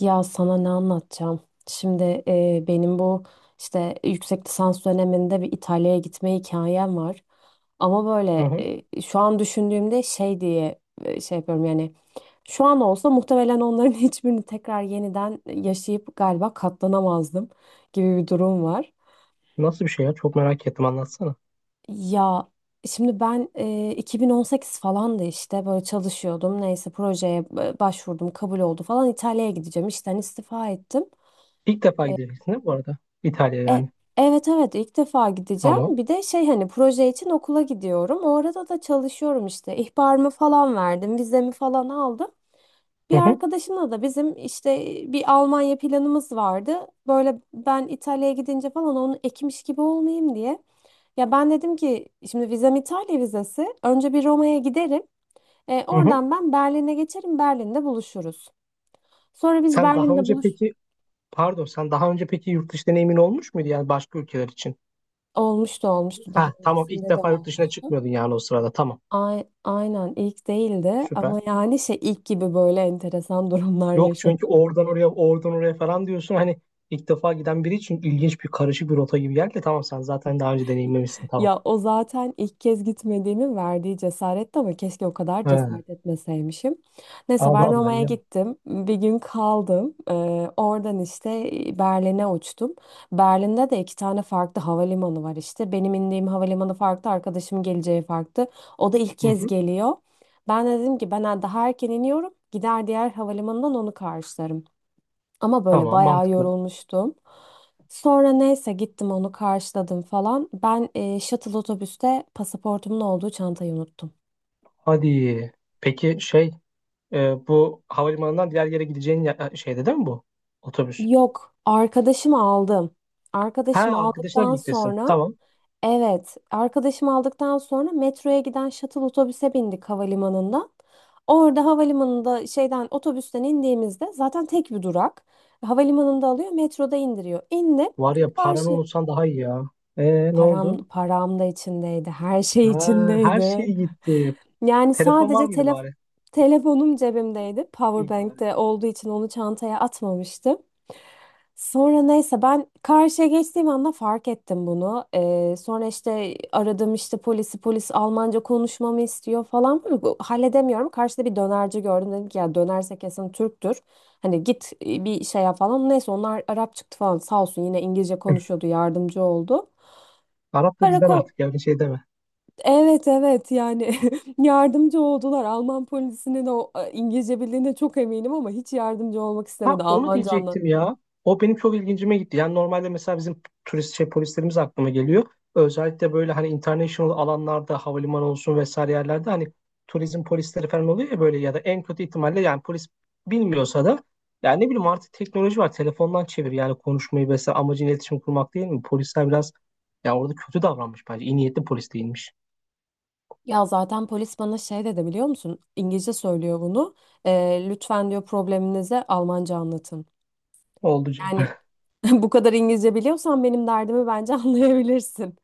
Ya sana ne anlatacağım? Şimdi, benim bu işte yüksek lisans döneminde bir İtalya'ya gitme hikayem var. Ama Hı böyle, hı. Şu an düşündüğümde şey diye şey yapıyorum yani şu an olsa muhtemelen onların hiçbirini tekrar yeniden yaşayıp galiba katlanamazdım gibi bir durum var. Nasıl bir şey ya? Çok merak ettim anlatsana. Ya şimdi ben 2018 falan da işte böyle çalışıyordum. Neyse projeye başvurdum, kabul oldu falan İtalya'ya gideceğim. İşten istifa ettim. İlk defa gideceksin değil mi bu arada? İtalya E, yani. evet, evet, ilk defa gideceğim. Tamam. Bir de şey hani proje için okula gidiyorum. O arada da çalışıyorum işte. İhbarımı falan verdim, vizemi falan aldım. Bir Hı hı. arkadaşımla da bizim işte bir Almanya planımız vardı. Böyle ben İtalya'ya gidince falan onu ekmiş gibi olmayayım diye. Ya ben dedim ki şimdi vizem İtalya vizesi. Önce bir Roma'ya giderim. Hı hı. Oradan ben Berlin'e geçerim. Berlin'de buluşuruz. Sonra biz Sen daha Berlin'de önce buluş peki pardon sen daha önce peki yurt dışı deneyimin olmuş muydu yani başka ülkeler için? olmuştu, olmuştu, daha Ha tamam, ilk öncesinde de defa yurt dışına olmuştu. çıkmıyordun yani o sırada, tamam. Ay, aynen ilk değildi Süper. ama yani şey ilk gibi böyle enteresan durumlar Yok, çünkü yaşadım. oradan oraya oradan oraya falan diyorsun, hani ilk defa giden biri için ilginç bir karışık bir rota gibi geldi de tamam, sen zaten daha önce deneyimlemişsin, tamam. Ya o zaten ilk kez gitmediğimi verdiği cesaretti ama keşke o kadar He, cesaret etmeseymişim. Neyse Allah ben Allah Roma'ya ya. gittim. Bir gün kaldım. Oradan işte Berlin'e uçtum. Berlin'de de iki tane farklı havalimanı var işte. Benim indiğim havalimanı farklı, arkadaşım geleceği farklı. O da ilk Hı kez hı. geliyor. Ben de dedim ki ben daha erken iniyorum. Gider diğer havalimanından onu karşılarım. Ama böyle Tamam, bayağı mantıklı. yorulmuştum. Sonra neyse gittim onu karşıladım falan. Ben shuttle otobüste pasaportumun olduğu çantayı unuttum. Hadi. Peki şey. Bu havalimanından diğer yere gideceğin ya- şeyde değil mi bu? Otobüs. Yok, arkadaşımı aldım. Ha, Arkadaşımı arkadaşlar aldıktan birliktesin. sonra Tamam. evet, arkadaşımı aldıktan sonra metroya giden shuttle otobüse bindik havalimanından. Orada havalimanında şeyden otobüsten indiğimizde zaten tek bir durak. Havalimanında alıyor, metroda indiriyor. İndim. Var ya, paranı Karşı unutsan daha iyi ya. Ne oldu? Param, param da içindeydi. Her şey Ha, her içindeydi. şey gitti. Yani Telefon var sadece mıydı bari? telefonum cebimdeydi. İyi bari. Powerbank'te olduğu için onu çantaya atmamıştım. Sonra neyse ben karşıya geçtiğim anda fark ettim bunu. Sonra işte aradım işte polisi, polis Almanca konuşmamı istiyor falan. Halledemiyorum. Karşıda bir dönerci gördüm. Dedim ki ya dönerse kesin Türktür. Hani git, bir şey yap falan. Neyse onlar Arap çıktı falan, sağ olsun yine İngilizce konuşuyordu, yardımcı oldu. Arap da bizden Karakol artık, yani şey deme. Evet, evet, yani yardımcı oldular. Alman polisinin o İngilizce bildiğine çok eminim ama hiç yardımcı olmak Ha, istemedi, onu Almanca anla. diyecektim ya. O benim çok ilgincime gitti. Yani normalde mesela bizim turist şey polislerimiz aklıma geliyor. Özellikle böyle hani international alanlarda, havalimanı olsun vesaire yerlerde hani turizm polisleri falan oluyor ya, böyle ya da en kötü ihtimalle yani polis bilmiyorsa da yani ne bileyim, artık teknoloji var. Telefondan çevir yani konuşmayı vesaire, amacın iletişim kurmak değil mi? Polisler biraz ya orada kötü davranmış bence. İyi niyetli polis değilmiş. Ya zaten polis bana şey dedi biliyor musun? İngilizce söylüyor bunu. Lütfen diyor probleminize Almanca anlatın. Oldu canım. Yani bu kadar İngilizce biliyorsan benim derdimi bence anlayabilirsin.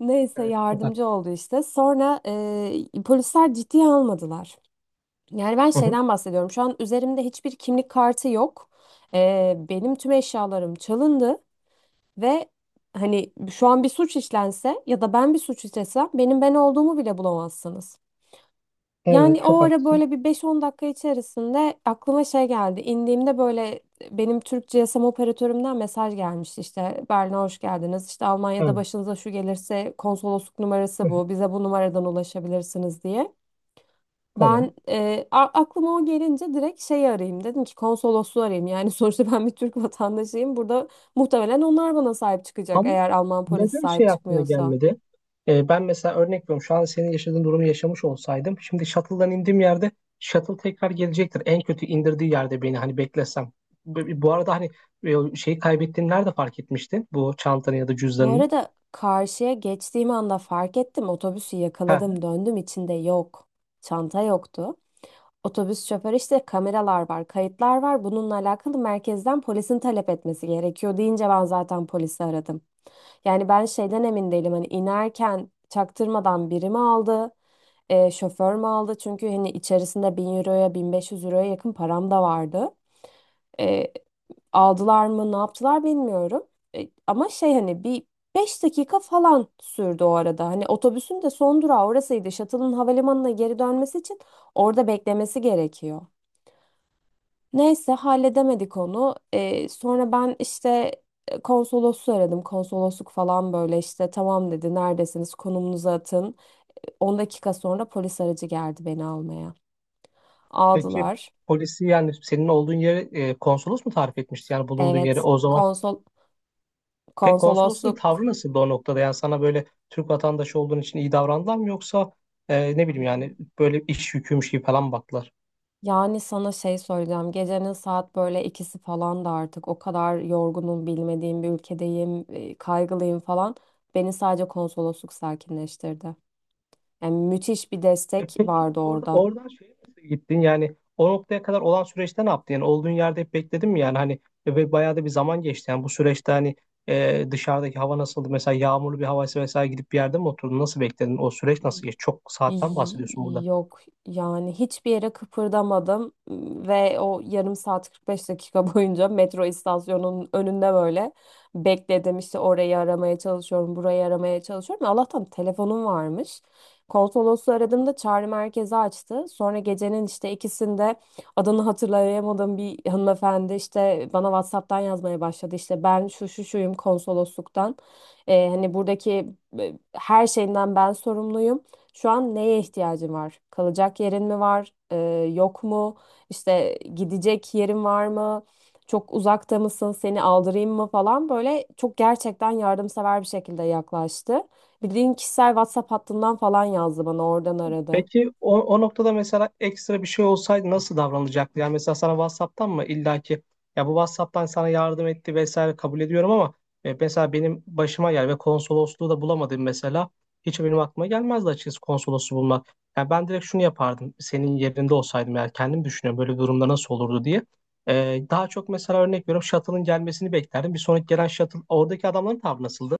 Neyse Evet, çok yardımcı haklısın. oldu işte. Sonra polisler ciddiye almadılar. Yani ben Hı hı. şeyden bahsediyorum. Şu an üzerimde hiçbir kimlik kartı yok. Benim tüm eşyalarım çalındı ve hani şu an bir suç işlense ya da ben bir suç işlesem benim ben olduğumu bile bulamazsınız. Evet, Yani o çok ara haklısın. böyle bir 5-10 dakika içerisinde aklıma şey geldi. İndiğimde böyle benim Türk GSM operatörümden mesaj gelmişti işte Berlin'e hoş geldiniz. İşte Almanya'da Evet. başınıza şu gelirse konsolosluk Hı numarası hı. bu. Bize bu numaradan ulaşabilirsiniz diye. Tamam. Ben aklıma o gelince direkt şeyi arayayım dedim ki konsolosluğu arayayım. Yani sonuçta ben bir Türk vatandaşıyım. Burada muhtemelen onlar bana sahip çıkacak Ama eğer Alman polisi neden sahip şey aklına çıkmıyorsa. gelmedi? Ben mesela örnek veriyorum. Şu an senin yaşadığın durumu yaşamış olsaydım. Şimdi shuttle'dan indiğim yerde shuttle tekrar gelecektir. En kötü indirdiği yerde beni hani beklesem. Bu arada hani, e, şeyi kaybettiğini nerede fark etmiştin? Bu çantanı ya da Bu cüzdanını. arada karşıya geçtiğim anda fark ettim, otobüsü Ha, yakaladım, döndüm, içinde yok. Çanta yoktu. Otobüs şoförü işte kameralar var, kayıtlar var. Bununla alakalı merkezden polisin talep etmesi gerekiyor deyince ben zaten polisi aradım. Yani ben şeyden emin değilim hani inerken çaktırmadan biri mi aldı, şoför mü aldı? Çünkü hani içerisinde 1.000 euroya 1.500 euroya yakın param da vardı. E, Aldılar mı ne yaptılar bilmiyorum. Ama şey hani bir 5 dakika falan sürdü o arada. Hani otobüsün de son durağı orasıydı. Shuttle'ın havalimanına geri dönmesi için orada beklemesi gerekiyor. Neyse halledemedik onu. Sonra ben işte konsolosu aradım. Konsolosluk falan böyle işte tamam dedi, neredesiniz, konumunuzu atın. 10 dakika sonra polis aracı geldi beni almaya. peki Aldılar. polisi yani senin olduğun yeri, konsolos mu tarif etmişti? Yani bulunduğun yeri Evet, o zaman. Peki konsolosun tavrı konsolosluk nasıldı o noktada? Yani sana böyle Türk vatandaşı olduğun için iyi davrandılar mı, yoksa ne bileyim yani böyle iş yüküymüş gibi falan mı baktılar? yani sana şey söyleyeceğim. Gecenin saat böyle ikisi falan da artık o kadar yorgunum, bilmediğim bir ülkedeyim, kaygılıyım falan. Beni sadece konsolosluk sakinleştirdi. Yani müthiş bir E destek peki vardı orada, orada. oradan şeye nasıl gittin? Yani o noktaya kadar olan süreçte ne yaptın? Yani olduğun yerde hep bekledin mi? Yani hani ve bayağı da bir zaman geçti. Yani bu süreçte hani, dışarıdaki hava nasıldı? Mesela yağmurlu bir havaysa vesaire, gidip bir yerde mi oturdun? Nasıl bekledin? O süreç nasıl geçti? Çok saatten Y- bahsediyorsun burada. Yok yani hiçbir yere kıpırdamadım ve o yarım saat 45 dakika boyunca metro istasyonunun önünde böyle bekledim işte, orayı aramaya çalışıyorum, burayı aramaya çalışıyorum, Allah'tan telefonum varmış. Konsolosu aradığımda çağrı merkezi açtı, sonra gecenin işte ikisinde adını hatırlayamadığım bir hanımefendi işte bana WhatsApp'tan yazmaya başladı, işte ben şu şu şuyum konsolosluktan. Hani buradaki e, her şeyinden ben sorumluyum, şu an neye ihtiyacın var? Kalacak yerin mi var? Yok mu? İşte gidecek yerin var mı? Çok uzakta mısın? Seni aldırayım mı falan, böyle çok gerçekten yardımsever bir şekilde yaklaştı. Bildiğin kişisel WhatsApp hattından falan yazdı bana, oradan aradı. Peki o, o noktada mesela ekstra bir şey olsaydı nasıl davranacaktı? Yani mesela sana WhatsApp'tan mı illaki, ya bu WhatsApp'tan sana yardım etti vesaire kabul ediyorum ama, mesela benim başıma gel ve konsolosluğu da bulamadım mesela. Hiç benim aklıma gelmezdi açıkçası konsolosluğu bulmak. Yani ben direkt şunu yapardım. Senin yerinde olsaydım eğer, kendim düşünüyorum böyle bir durumda nasıl olurdu diye. E, daha çok mesela örnek veriyorum, shuttle'ın gelmesini beklerdim. Bir sonraki gelen shuttle, oradaki adamların tavrı nasıldı?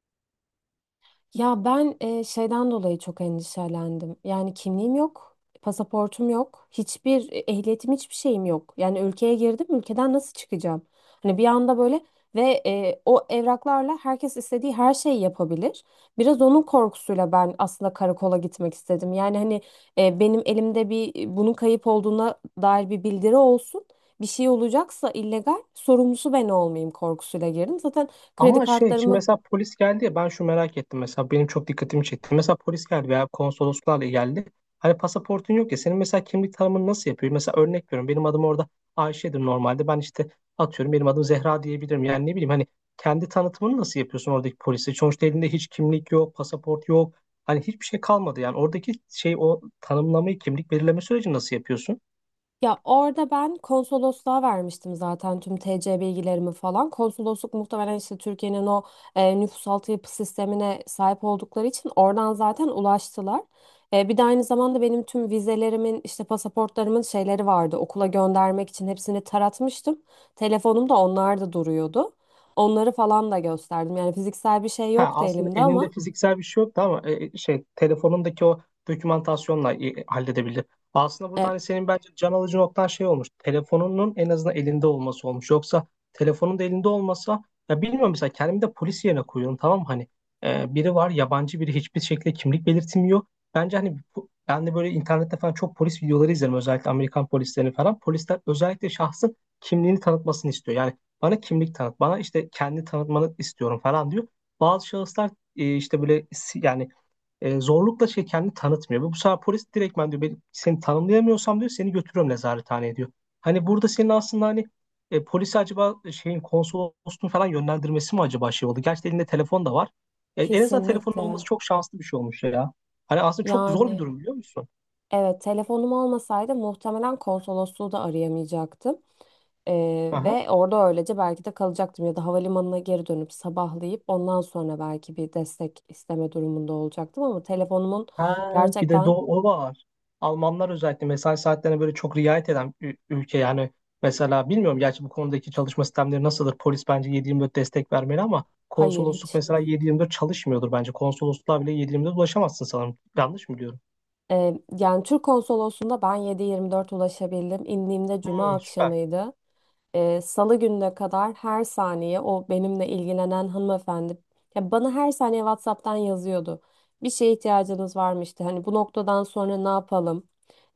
Ya ben şeyden dolayı çok endişelendim. Yani kimliğim yok, pasaportum yok, hiçbir, ehliyetim, hiçbir şeyim yok. Yani ülkeye girdim, ülkeden nasıl çıkacağım? Hani bir anda böyle ve, o evraklarla herkes istediği her şeyi yapabilir. Biraz onun korkusuyla ben aslında karakola gitmek istedim. Yani hani, benim elimde bir, bunun kayıp olduğuna dair bir bildiri olsun. Bir şey olacaksa illegal, sorumlusu ben olmayayım korkusuyla girdim. Zaten kredi Ama şey şimdi kartlarımı mesela polis geldi ya, ben şu merak ettim, mesela benim çok dikkatimi çekti. Mesela polis geldi veya konsoloslarla geldi. Hani pasaportun yok ya senin, mesela kimlik tanımını nasıl yapıyor? Mesela örnek veriyorum, benim adım orada Ayşe'dir normalde, ben işte atıyorum benim adım Zehra diyebilirim. Yani ne bileyim hani kendi tanıtımını nasıl yapıyorsun oradaki polise? Sonuçta elinde hiç kimlik yok, pasaport yok. Hani hiçbir şey kalmadı yani, oradaki şey o tanımlamayı, kimlik belirleme sürecini nasıl yapıyorsun? Ya orada ben konsolosluğa vermiştim zaten tüm TC bilgilerimi falan. Konsolosluk muhtemelen işte Türkiye'nin o nüfusaltı yapı sistemine sahip oldukları için oradan zaten ulaştılar. Bir de aynı zamanda benim tüm vizelerimin işte pasaportlarımın şeyleri vardı. Okula göndermek için hepsini taratmıştım. Telefonumda onlar da duruyordu. Onları falan da gösterdim. Yani fiziksel bir şey Ha, yoktu aslında elimde elinde ama, fiziksel bir şey yoktu ama, şey telefonundaki o dokümantasyonla halledebildi. Aslında burada e, hani senin bence can alıcı noktan şey olmuş. Telefonunun en azından elinde olması olmuş. Yoksa telefonun da elinde olmasa, ya bilmiyorum, mesela kendimi de polis yerine koyuyorum, tamam mı? Hani biri var yabancı, biri hiçbir şekilde kimlik belirtmiyor. Bence hani bu- ben de böyle internette falan çok polis videoları izlerim, özellikle Amerikan polislerini falan. Polisler özellikle şahsın kimliğini tanıtmasını istiyor. Yani bana kimlik tanıt, bana işte kendi tanıtmanı istiyorum falan diyor. Bazı şahıslar işte böyle si- yani zorlukla şey kendini tanıtmıyor. Ve bu sefer polis direktmen diyor ben seni tanımlayamıyorsam diyor seni götürüyorum nezarethaneye diyor. Hani burada senin aslında hani, polisi acaba şeyin konsolosluğun falan yönlendirmesi mi, acaba şey oldu? Gerçi elinde telefon da var. E, en azından telefonun kesinlikle olması çok şanslı bir şey olmuş ya. Hani aslında çok zor bir yani. durum, biliyor musun? Evet, telefonum olmasaydı muhtemelen konsolosluğu da arayamayacaktım. Aha. Ve orada öylece belki de kalacaktım ya da havalimanına geri dönüp sabahlayıp ondan sonra belki bir destek isteme durumunda olacaktım ama telefonumun Ha, bir de do gerçekten, o var. Almanlar özellikle mesai saatlerine böyle çok riayet eden ü- ülke yani, mesela bilmiyorum gerçi bu konudaki çalışma sistemleri nasıldır. Polis bence 7/24 destek vermeli ama hayır, konsolosluk hiç. mesela 7/24 çalışmıyordur bence. Konsolosluğa bile 7/24 ulaşamazsın sanırım. Yanlış mı biliyorum? Yani Türk konsolosluğunda ben 7/24 ulaşabildim. İndiğimde cuma Hmm, süper. akşamıydı. Salı gününe kadar her saniye o benimle ilgilenen hanımefendi ya bana her saniye WhatsApp'tan yazıyordu. Bir şeye ihtiyacınız var mı işte hani bu noktadan sonra ne yapalım?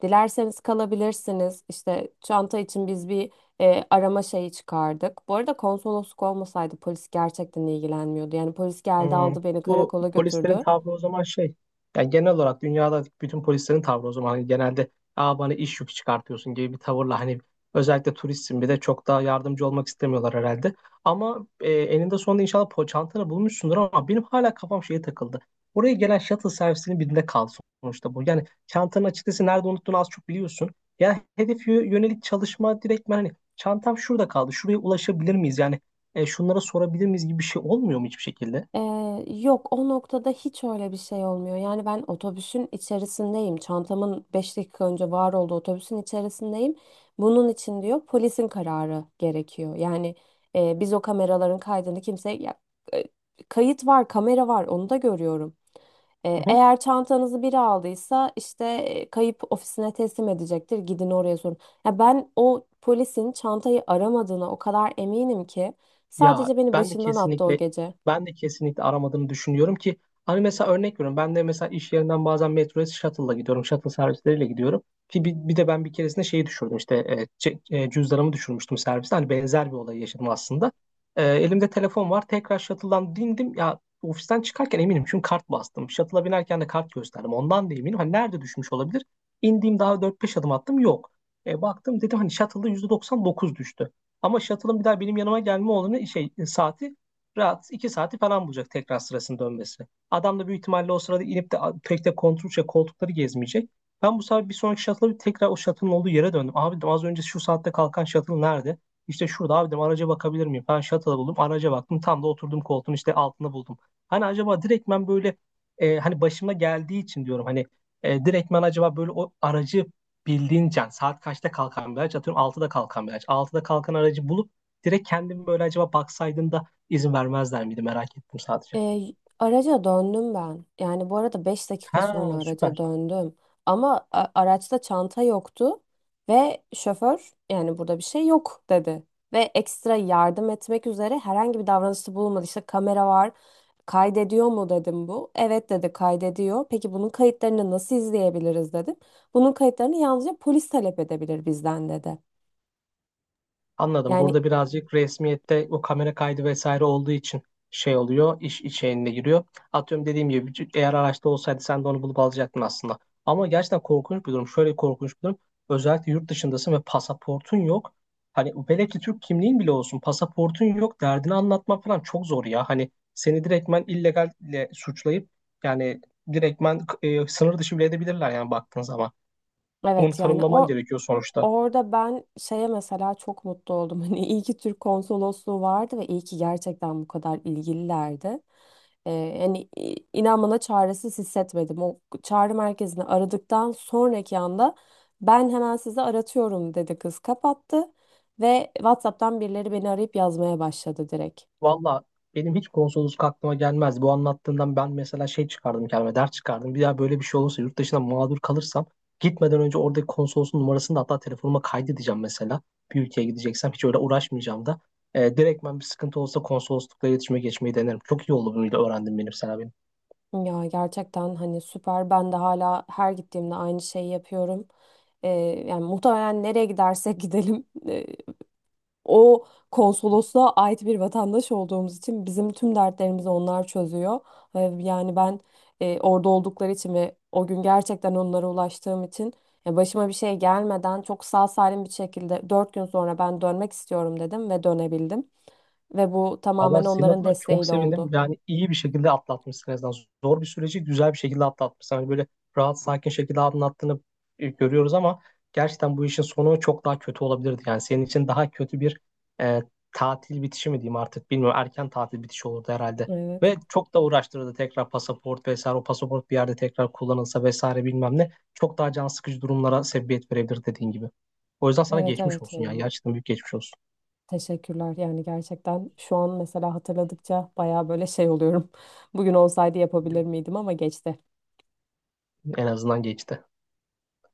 Dilerseniz kalabilirsiniz. İşte çanta için biz bir, arama şeyi çıkardık. Bu arada konsolosluk olmasaydı polis gerçekten ilgilenmiyordu. Yani polis geldi, Hmm. aldı beni Bu karakola polislerin götürdü. tavrı o zaman şey. Yani genel olarak dünyada bütün polislerin tavrı o zaman hani, genelde aa bana iş yükü çıkartıyorsun gibi bir tavırla hani, özellikle turistsin bir de, çok daha yardımcı olmak istemiyorlar herhalde. Ama eninde sonunda inşallah po çantanı bulmuşsundur, ama benim hala kafam şeye takıldı. Oraya gelen shuttle servisinin birinde kal, sonuçta bu. Yani çantanın açıkçası nerede unuttuğunu az çok biliyorsun. Yani hedef yö- yönelik çalışma direktmen, hani çantam şurada kaldı. Şuraya ulaşabilir miyiz? Yani şunlara sorabilir miyiz gibi bir şey olmuyor mu hiçbir şekilde? Ee, Yok o noktada hiç öyle bir şey olmuyor. Yani ben otobüsün içerisindeyim. Çantamın 5 dakika önce var olduğu otobüsün içerisindeyim. Bunun için diyor polisin kararı gerekiyor. Yani, biz o kameraların kaydını kimse ya, e, kayıt var, kamera var, onu da görüyorum. Eğer çantanızı biri aldıysa işte, kayıp ofisine teslim edecektir. Gidin oraya sorun. Ya ben o polisin çantayı aramadığına o kadar eminim ki Ya sadece beni ben de başından attı o kesinlikle gece. ben de kesinlikle aramadığını düşünüyorum ki, hani mesela örnek veriyorum, ben de mesela iş yerinden bazen metroya shuttle'la gidiyorum, shuttle servisleriyle gidiyorum, ki bir de ben bir keresinde şeyi düşürdüm, işte cüzdanımı düşürmüştüm serviste, hani benzer bir olay yaşadım aslında. E, elimde telefon var, tekrar shuttle'dan bindim ya, ofisten çıkarken eminim çünkü kart bastım, shuttle'a binerken de kart gösterdim, ondan da eminim, hani nerede düşmüş olabilir, indiğim daha 4-5 adım attım, yok. Baktım, dedim hani shuttle'da %99 düştü. Ama shuttle'ın bir daha benim yanıma gelme olanı şey, saati rahat 2 saati falan bulacak tekrar sırasını dönmesi. Adam da büyük ihtimalle o sırada inip de a- pek de kontrol şey, koltukları gezmeyecek. Ben bu sefer bir sonraki shuttle'a tekrar o shuttle'ın olduğu yere döndüm. Abi dedim, az önce şu saatte kalkan shuttle nerede? İşte şurada, abi dedim araca bakabilir miyim? Ben shuttle'a buldum, araca baktım, tam da oturduğum koltuğun işte altında buldum. Hani acaba direktmen böyle, hani başıma geldiği için diyorum hani, direktmen acaba böyle o aracı, bildiğin can saat kaçta kalkan bir araç, atıyorum 6'da kalkan bir araç. 6'da kalkan aracı bulup direkt kendim böyle acaba baksaydın da izin vermezler miydi, merak ettim sadece. E, Araca döndüm ben. Yani bu arada 5 dakika sonra Ha araca süper. döndüm. Ama araçta çanta yoktu ve şoför yani burada bir şey yok dedi. Ve ekstra yardım etmek üzere herhangi bir davranışta bulunmadı. İşte kamera var, kaydediyor mu dedim bu. Evet dedi, kaydediyor. Peki bunun kayıtlarını nasıl izleyebiliriz dedim. Bunun kayıtlarını yalnızca polis talep edebilir bizden dedi. Anladım. Yani Burada birazcık resmiyette o kamera kaydı vesaire olduğu için şey oluyor, iş içeğine giriyor. Atıyorum dediğim gibi c- eğer araçta olsaydı sen de onu bulup alacaktın aslında. Ama gerçekten korkunç bir durum. Şöyle korkunç bir durum. Özellikle yurt dışındasın ve pasaportun yok. Hani velev ki Türk kimliğin bile olsun, pasaportun yok derdini anlatmak falan çok zor ya. Hani seni direktmen illegalle suçlayıp yani, direktmen sınır dışı bile edebilirler yani baktığın zaman. Onu evet, yani tanımlaman gerekiyor sonuçta. orada ben şeye mesela çok mutlu oldum. Hani iyi ki Türk konsolosluğu vardı ve iyi ki gerçekten bu kadar ilgililerdi. Yani inan bana çaresiz hissetmedim. O çağrı merkezini aradıktan sonraki anda ben hemen sizi aratıyorum dedi kız, kapattı. Ve WhatsApp'tan birileri beni arayıp yazmaya başladı direkt. Valla benim hiç konsolosluk aklıma gelmez. Bu anlattığından ben mesela şey çıkardım kendime, ders çıkardım. Bir daha böyle bir şey olursa, yurt dışına mağdur kalırsam gitmeden önce oradaki konsolosun numarasını da hatta telefonuma kaydedeceğim mesela. Bir ülkeye gideceksem hiç öyle uğraşmayacağım da. Direktmen bir sıkıntı olsa konsoloslukla iletişime geçmeyi denerim. Çok iyi oldu bunu da öğrendim benim sana. Ya gerçekten hani süper. Ben de hala her gittiğimde aynı şeyi yapıyorum. Ee, Yani muhtemelen nereye gidersek gidelim, o konsolosluğa ait bir vatandaş olduğumuz için bizim tüm dertlerimizi onlar çözüyor. Yani ben, orada oldukları için ve o gün gerçekten onlara ulaştığım için ya, başıma bir şey gelmeden çok sağ salim bir şekilde dört gün sonra ben dönmek istiyorum dedim ve dönebildim. Ve bu Allah tamamen senin onların adına çok desteğiyle sevindim. oldu. Yani iyi bir şekilde atlatmışsın en azından. Zor bir süreci güzel bir şekilde atlatmışsın. Hani böyle rahat, sakin şekilde anlattığını görüyoruz ama gerçekten bu işin sonu çok daha kötü olabilirdi. Yani senin için daha kötü bir e, tatil bitişi mi diyeyim artık bilmiyorum. Erken tatil bitişi olurdu herhalde. Evet. Ve çok da uğraştırırdı tekrar pasaport vesaire. O pasaport bir yerde tekrar kullanılsa vesaire bilmem ne. Çok daha can sıkıcı durumlara sebebiyet verebilir dediğin gibi. O yüzden sana Evet, geçmiş evet olsun ya. ya. Gerçekten büyük geçmiş olsun. Teşekkürler. Yani gerçekten şu an mesela hatırladıkça baya böyle şey oluyorum. Bugün olsaydı yapabilir miydim, ama geçti. En azından geçti.